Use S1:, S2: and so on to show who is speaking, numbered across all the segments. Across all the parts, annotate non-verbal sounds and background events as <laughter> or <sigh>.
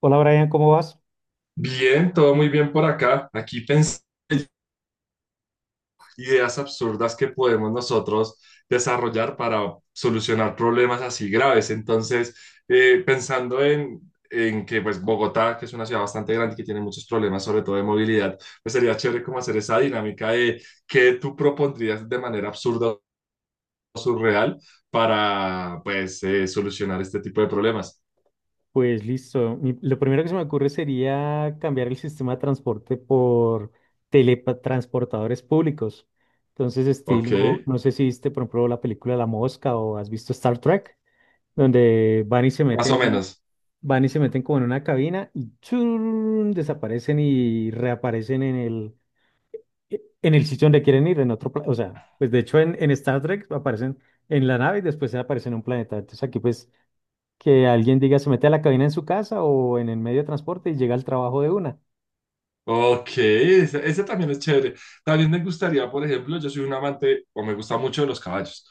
S1: Hola Brian, ¿cómo vas?
S2: Bien, todo muy bien por acá. Aquí pensé en ideas absurdas que podemos nosotros desarrollar para solucionar problemas así graves. Entonces, pensando en que pues Bogotá, que es una ciudad bastante grande y que tiene muchos problemas, sobre todo de movilidad, pues sería chévere como hacer esa dinámica de qué tú propondrías de manera absurda o surreal para pues solucionar este tipo de problemas.
S1: Pues listo. Lo primero que se me ocurre sería cambiar el sistema de transporte por teletransportadores públicos. Entonces,
S2: ¿Ok?
S1: estilo, no sé si viste, por ejemplo, la película La Mosca o has visto Star Trek, donde van y se
S2: Más
S1: meten,
S2: o menos.
S1: van y se meten como en una cabina y churun, desaparecen y reaparecen en el sitio donde quieren ir, en otro, planeta. O sea, pues de hecho en Star Trek aparecen en la nave y después aparecen en un planeta. Entonces aquí pues que alguien diga se mete a la cabina en su casa o en el medio de transporte y llega al trabajo de una.
S2: Ok, ese también es chévere. También me gustaría, por ejemplo, yo soy un amante o me gusta mucho de los caballos.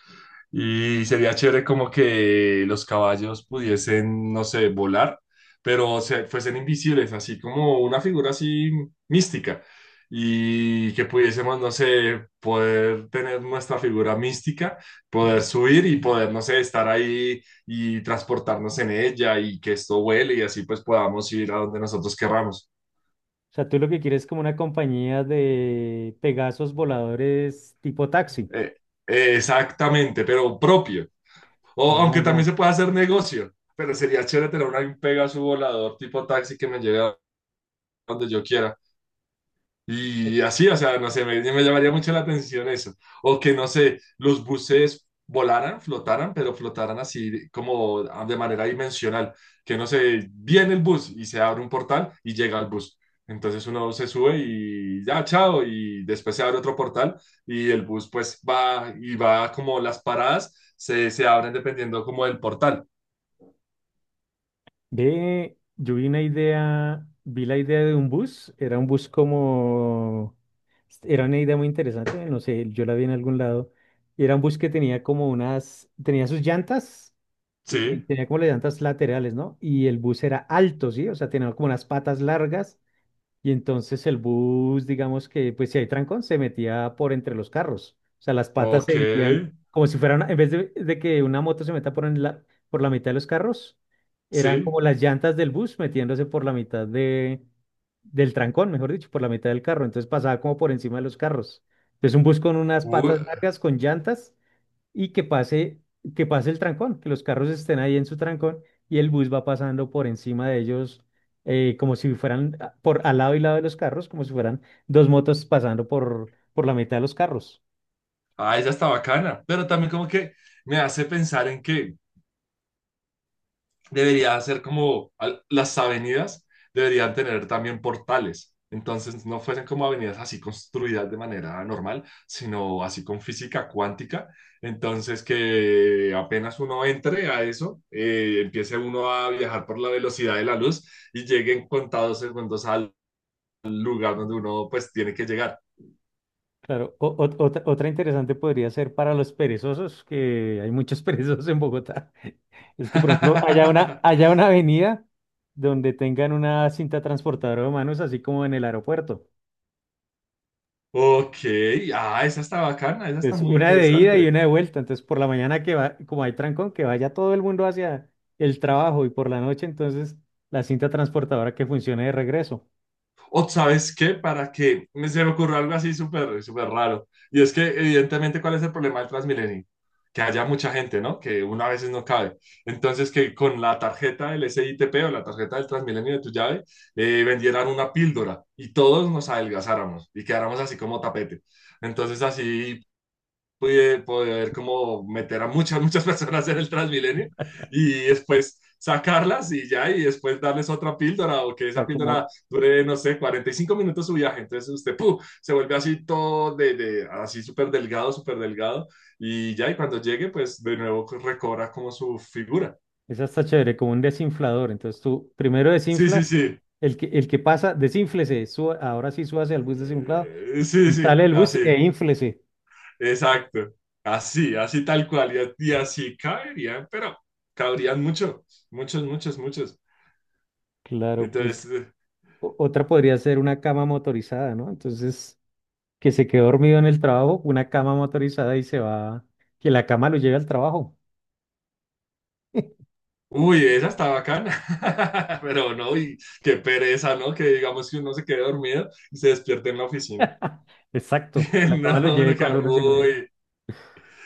S2: Y sería chévere como que los caballos pudiesen, no sé, volar, pero se, fuesen invisibles, así como una figura así mística. Y que pudiésemos, no sé, poder tener nuestra figura mística, poder subir y poder, no sé, estar ahí y transportarnos en ella y que esto vuele y así pues podamos ir a donde nosotros querramos.
S1: O sea, tú lo que quieres es como una compañía de Pegasos voladores tipo taxi.
S2: Eh, exactamente, pero propio. O
S1: Ah,
S2: aunque también
S1: ya.
S2: se puede hacer negocio, pero sería chévere tener un Pegasus volador tipo taxi que me lleve a donde yo quiera. Y así, o sea, no sé, me llamaría mucho la atención eso. O que, no sé, los buses volaran, flotaran, pero flotaran así como ah, de manera dimensional. Que, no sé, viene el bus y se abre un portal y llega al bus. Entonces uno se sube y ya, chao, y después se abre otro portal y el bus pues va y va como las paradas se abren dependiendo como del portal.
S1: Ve, yo vi una idea, vi la idea de un bus, era un bus como, era una idea muy interesante, no sé, yo la vi en algún lado, y era un bus que tenía como unas, tenía sus llantas,
S2: Sí,
S1: tenía como las llantas laterales, ¿no? Y el bus era alto, ¿sí? O sea, tenía como unas patas largas. Y entonces el bus, digamos que, pues si hay trancón, se metía por entre los carros. O sea, las patas
S2: ok,
S1: se metían como si fueran, en vez de que una moto se meta por, en la, por la mitad de los carros, eran
S2: sí.
S1: como las llantas del bus metiéndose por la mitad de, del trancón, mejor dicho, por la mitad del carro. Entonces pasaba como por encima de los carros. Entonces un bus con unas patas largas, con llantas, y que pase el trancón, que los carros estén ahí en su trancón y el bus va pasando por encima de ellos, como si fueran ah, por al lado y lado de los carros, como si fueran dos motos pasando por la mitad de los carros.
S2: Ah, esa está bacana, pero también como que me hace pensar en que debería ser como al- las avenidas deberían tener también portales. Entonces no fuesen como avenidas así construidas de manera normal, sino así con física cuántica. Entonces que apenas uno entre a eso, empiece uno a viajar por la velocidad de la luz y llegue en contados segundos al lugar donde uno pues tiene que llegar.
S1: Claro, otra interesante podría ser para los perezosos, que hay muchos <laughs> perezosos en Bogotá. Es que, por ejemplo,
S2: <laughs>
S1: haya una avenida donde tengan una cinta transportadora de manos, así como en el aeropuerto.
S2: Ok, ah, esa está bacana, esa está
S1: Es
S2: muy
S1: una de ida y
S2: interesante.
S1: una de vuelta. Entonces, por la mañana que va, como hay trancón, que vaya todo el mundo hacia el trabajo y por la noche, entonces la cinta transportadora que funcione de regreso. O
S2: O sabes qué, para que me se me ocurrió algo así súper súper raro. Y es que evidentemente cuál es el problema del Transmilenio, que haya mucha gente, ¿no? Que una a veces no cabe. Entonces que con la tarjeta del SITP o la tarjeta del Transmilenio de tu llave vendieran una píldora y todos nos adelgazáramos y quedáramos así como tapete. Entonces así pude poder como meter a muchas, <laughs> muchas personas en el Transmilenio y después sacarlas y ya, y después darles otra píldora o que esa
S1: sea, como
S2: píldora dure, no sé, 45 minutos su viaje. Entonces usted ¡puf! Se vuelve así todo de así súper delgado y ya, y cuando llegue, pues de nuevo recobra como su figura.
S1: es hasta chévere, como un desinflador. Entonces, tú primero
S2: Sí, sí,
S1: desinflas,
S2: sí.
S1: el que pasa, desínflese, ahora sí súbase al bus desinflado
S2: Sí,
S1: y
S2: sí,
S1: sale el bus e
S2: así,
S1: ínflese.
S2: exacto. Así, así tal cual, y así caerían, pero cabrían mucho, muchos, muchos, muchos.
S1: Claro, pues
S2: Entonces,
S1: otra podría ser una cama motorizada, ¿no? Entonces, que se quedó dormido en el trabajo, una cama motorizada y se va, que la cama lo lleve al trabajo.
S2: uy, esa está bacana. <laughs> Pero no, y qué pereza, ¿no? Que digamos que uno se quede dormido y se despierte en la oficina.
S1: <laughs> Exacto, que la
S2: <laughs>
S1: cama lo
S2: No,
S1: lleve
S2: uno queda,
S1: cuando uno llegó ya.
S2: uy.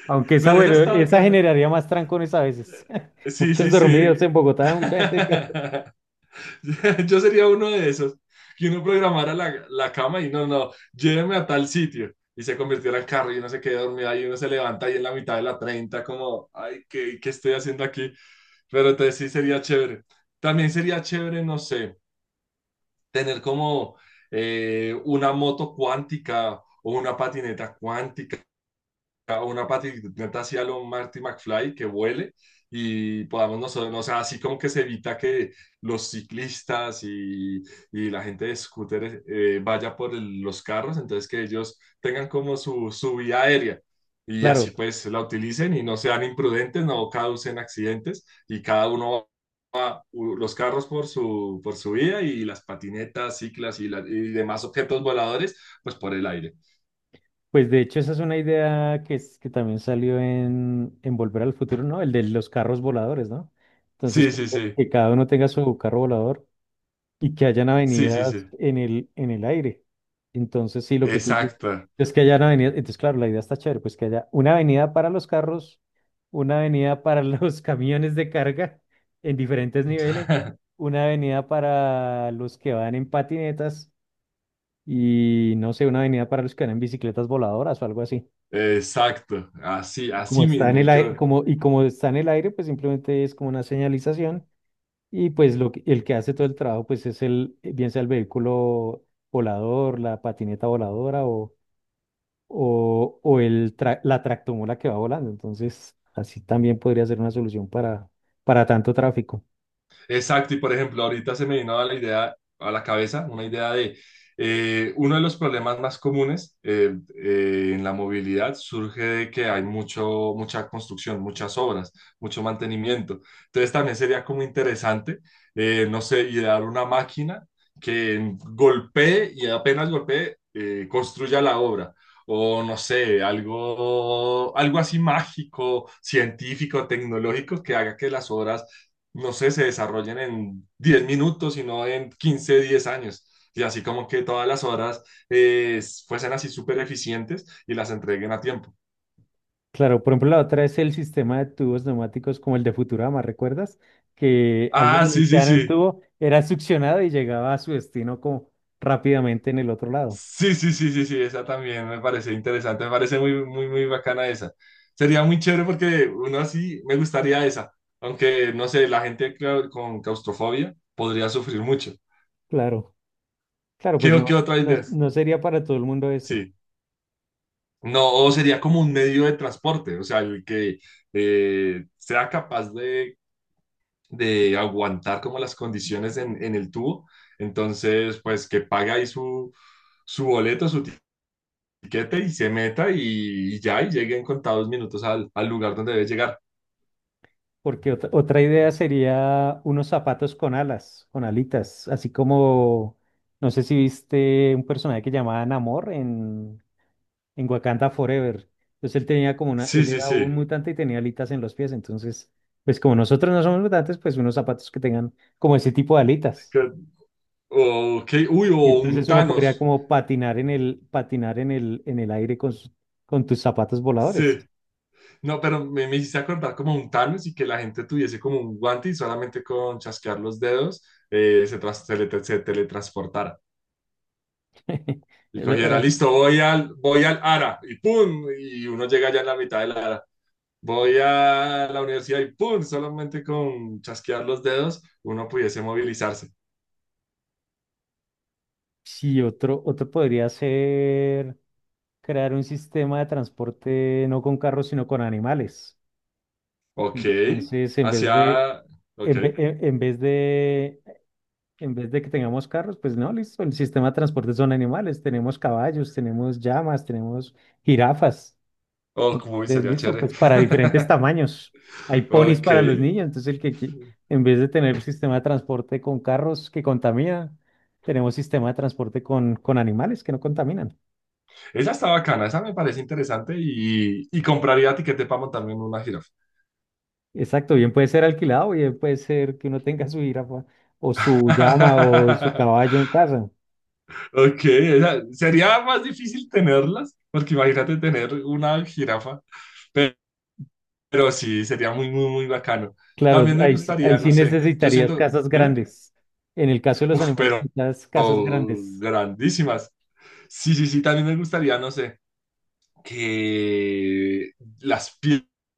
S1: Aunque esa,
S2: Pero esa
S1: bueno,
S2: está
S1: esa
S2: bacana.
S1: generaría más trancones a veces. <laughs>
S2: Sí,
S1: Muchos
S2: sí, sí.
S1: dormidos en Bogotá, mucha gente. Que-
S2: <laughs> Yo sería uno de esos. Que uno programara la cama y no, no, lléveme a tal sitio. Y se convirtiera en carro y uno se queda dormido ahí, uno se levanta ahí en la mitad de la 30 como, ay, qué estoy haciendo aquí? Pero entonces sí sería chévere. También sería chévere, no sé tener como una moto cuántica o una patineta cuántica a una patineta así a lo Marty McFly que vuele y podamos nosotros, o sea, así como que se evita que los ciclistas y la gente de scooters vaya por el- los carros, entonces que ellos tengan como su vía aérea
S1: <laughs>
S2: y así
S1: Claro,
S2: pues la utilicen y no sean imprudentes, no causen accidentes y cada uno va, u- los carros por su vía y las patinetas, ciclas y, la- y demás objetos voladores pues por el aire.
S1: pues de hecho esa es una idea que, es, que también salió en Volver al Futuro, ¿no? El de los carros voladores, ¿no? Entonces,
S2: Sí, sí, sí,
S1: que cada uno tenga su carro volador y que hayan
S2: sí, sí,
S1: avenidas
S2: sí.
S1: en el aire. Entonces, sí, lo que tú dices
S2: Exacto,
S1: es que hayan avenidas. Entonces, claro, la idea está chévere, pues que haya una avenida para los carros, una avenida para <laughs> los camiones de carga en diferentes niveles, una avenida para los que van en patinetas y no sé, una avenida para los que van en bicicletas voladoras o algo así.
S2: exacto, así,
S1: Como
S2: así
S1: está en
S2: mismo.
S1: el
S2: Y
S1: aire,
S2: creo,
S1: como, y como está en el aire, pues simplemente es como una señalización y pues el que hace todo el trabajo pues es el, bien sea el vehículo volador, la patineta voladora o el la tractomula que va volando. Entonces, así también podría ser una solución para tanto tráfico.
S2: exacto, y por ejemplo, ahorita se me vino a la idea, a la cabeza, una idea de uno de los problemas más comunes en la movilidad surge de que hay mucho, mucha construcción, muchas obras, mucho mantenimiento. Entonces también sería como interesante, no sé, idear una máquina que golpee y apenas golpee, construya la obra. O no sé, algo, algo así mágico, científico, tecnológico que haga que las obras no sé, se desarrollen en 10 minutos, sino en 15 10 años. Y así como que todas las horas eh, fuesen así súper eficientes y las entreguen a tiempo.
S1: Claro, por ejemplo, la otra es el sistema de tubos neumáticos como el de Futurama, ¿recuerdas? Que alguien
S2: Ah, sí, sí,
S1: iniciara un
S2: sí.
S1: tubo, era succionado y llegaba a su destino como rápidamente en el otro lado.
S2: Sí, sí, sí, sí, sí, esa también me parece interesante, me parece muy, muy, muy bacana esa. Sería muy chévere porque uno así me gustaría esa, aunque no sé, la gente clau- con claustrofobia podría sufrir mucho.
S1: Claro, claro,
S2: ¿Qué,
S1: pues
S2: qué
S1: no,
S2: otra
S1: no,
S2: idea?
S1: no sería para todo el mundo ese.
S2: Sí. No, o sería como un medio de transporte, o sea, el que sea capaz de aguantar como las condiciones en el tubo. Entonces, pues que pague ahí su, su boleto, su tiquete y se meta y ya, y llegue en contados minutos al, al lugar donde debe llegar.
S1: Porque otra idea sería unos zapatos con alas, con alitas, así como, no sé si viste un personaje que llamaba Namor en Wakanda Forever. Entonces él tenía como una,
S2: Sí,
S1: él
S2: sí,
S1: era un
S2: sí.
S1: mutante y tenía alitas en los pies. Entonces, pues como nosotros no somos mutantes, pues unos zapatos que tengan como ese tipo de alitas.
S2: Que- O, Ok, uy,
S1: Y
S2: o un
S1: entonces uno podría
S2: Thanos.
S1: como patinar en el aire con, con tus zapatos voladores.
S2: Sí. No, pero me hiciste acordar como un Thanos y que la gente tuviese como un guante y solamente con chasquear los dedos se, tras- se le- se teletransportara. Y cogiera,
S1: <laughs>
S2: listo, voy voy al ARA y ¡pum! Y uno llega ya en la mitad del ARA. Voy a la universidad y ¡pum! Solamente con chasquear los dedos uno pudiese movilizarse.
S1: Sí, otro, otro podría ser. Crear un sistema de transporte no con carros, sino con animales.
S2: Ok,
S1: Entonces, en vez de,
S2: hacia... Ok.
S1: en, en vez de que tengamos carros, pues no, listo, el sistema de transporte son animales. Tenemos caballos, tenemos llamas, tenemos jirafas.
S2: Oh, como
S1: Entonces,
S2: sería
S1: listo,
S2: chévere.
S1: pues para diferentes
S2: <laughs>
S1: tamaños. Hay ponis
S2: Ok,
S1: para los niños, entonces el que, qui- en vez de tener el sistema de transporte con carros que contamina, tenemos sistema de transporte con animales que no contaminan.
S2: esa está bacana, esa me parece interesante y compraría tiquete para montarme en una jirafa.
S1: Exacto, bien puede ser alquilado, bien puede ser que uno tenga su jirafa o su llama o su
S2: <laughs>
S1: caballo en casa.
S2: Ok, esa- sería más difícil tenerlas, porque imagínate tener una jirafa, pe- pero, sí, sería muy, muy, muy bacano.
S1: Claro,
S2: También me
S1: ahí
S2: gustaría, no
S1: sí
S2: sé, yo
S1: necesitarías
S2: siento,
S1: casas
S2: dime,
S1: grandes. En el caso de los
S2: uf,
S1: animales,
S2: pero
S1: necesitas casas
S2: oh,
S1: grandes.
S2: grandísimas. Sí, sí, sí, también me gustaría, no sé, que las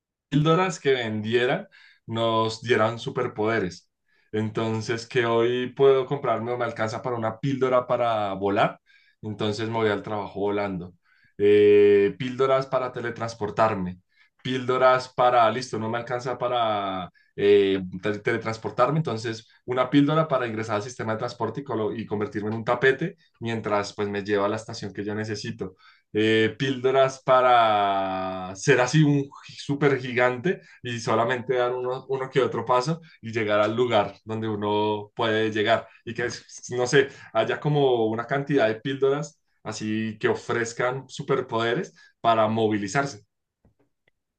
S2: píldoras que vendiera nos dieran superpoderes. Entonces, que hoy puedo comprarme o me alcanza para una píldora para volar, entonces me voy al trabajo volando. Píldoras para teletransportarme, píldoras para, listo, no me alcanza para te- teletransportarme, entonces una píldora para ingresar al sistema de transporte y, colo- y convertirme en un tapete mientras pues me lleva a la estación que yo necesito píldoras para ser así un súper gigante y solamente dar uno, uno que otro paso y llegar al lugar donde uno puede llegar y que, no sé, haya como una cantidad de píldoras así que ofrezcan superpoderes para movilizarse.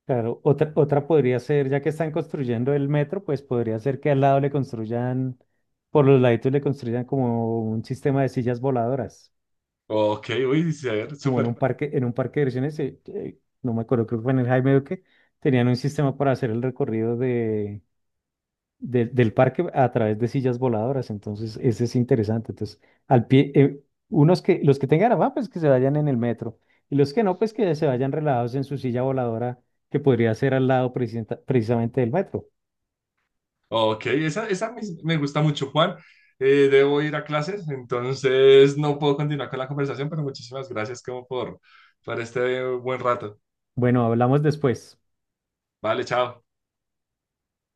S1: Claro, otra, otra podría ser, ya que están construyendo el metro, pues podría ser que al lado le construyan, por los laditos le construyan como un sistema de sillas voladoras,
S2: Ok, uy, sí, a ver,
S1: como
S2: súper.
S1: en un parque de diversiones, no me acuerdo, creo que fue en el Jaime Duque, tenían un sistema para hacer el recorrido de del parque a través de sillas voladoras. Entonces, ese es interesante. Entonces, al pie, unos que, los que tengan afán, pues que se vayan en el metro. Y los que no, pues que se vayan relajados en su silla voladora, que podría ser al lado precisamente del metro.
S2: Ok, esa me me gusta mucho, Juan. Debo ir a clases, entonces no puedo continuar con la conversación, pero muchísimas gracias como por este buen rato.
S1: Bueno, hablamos después.
S2: Vale, chao.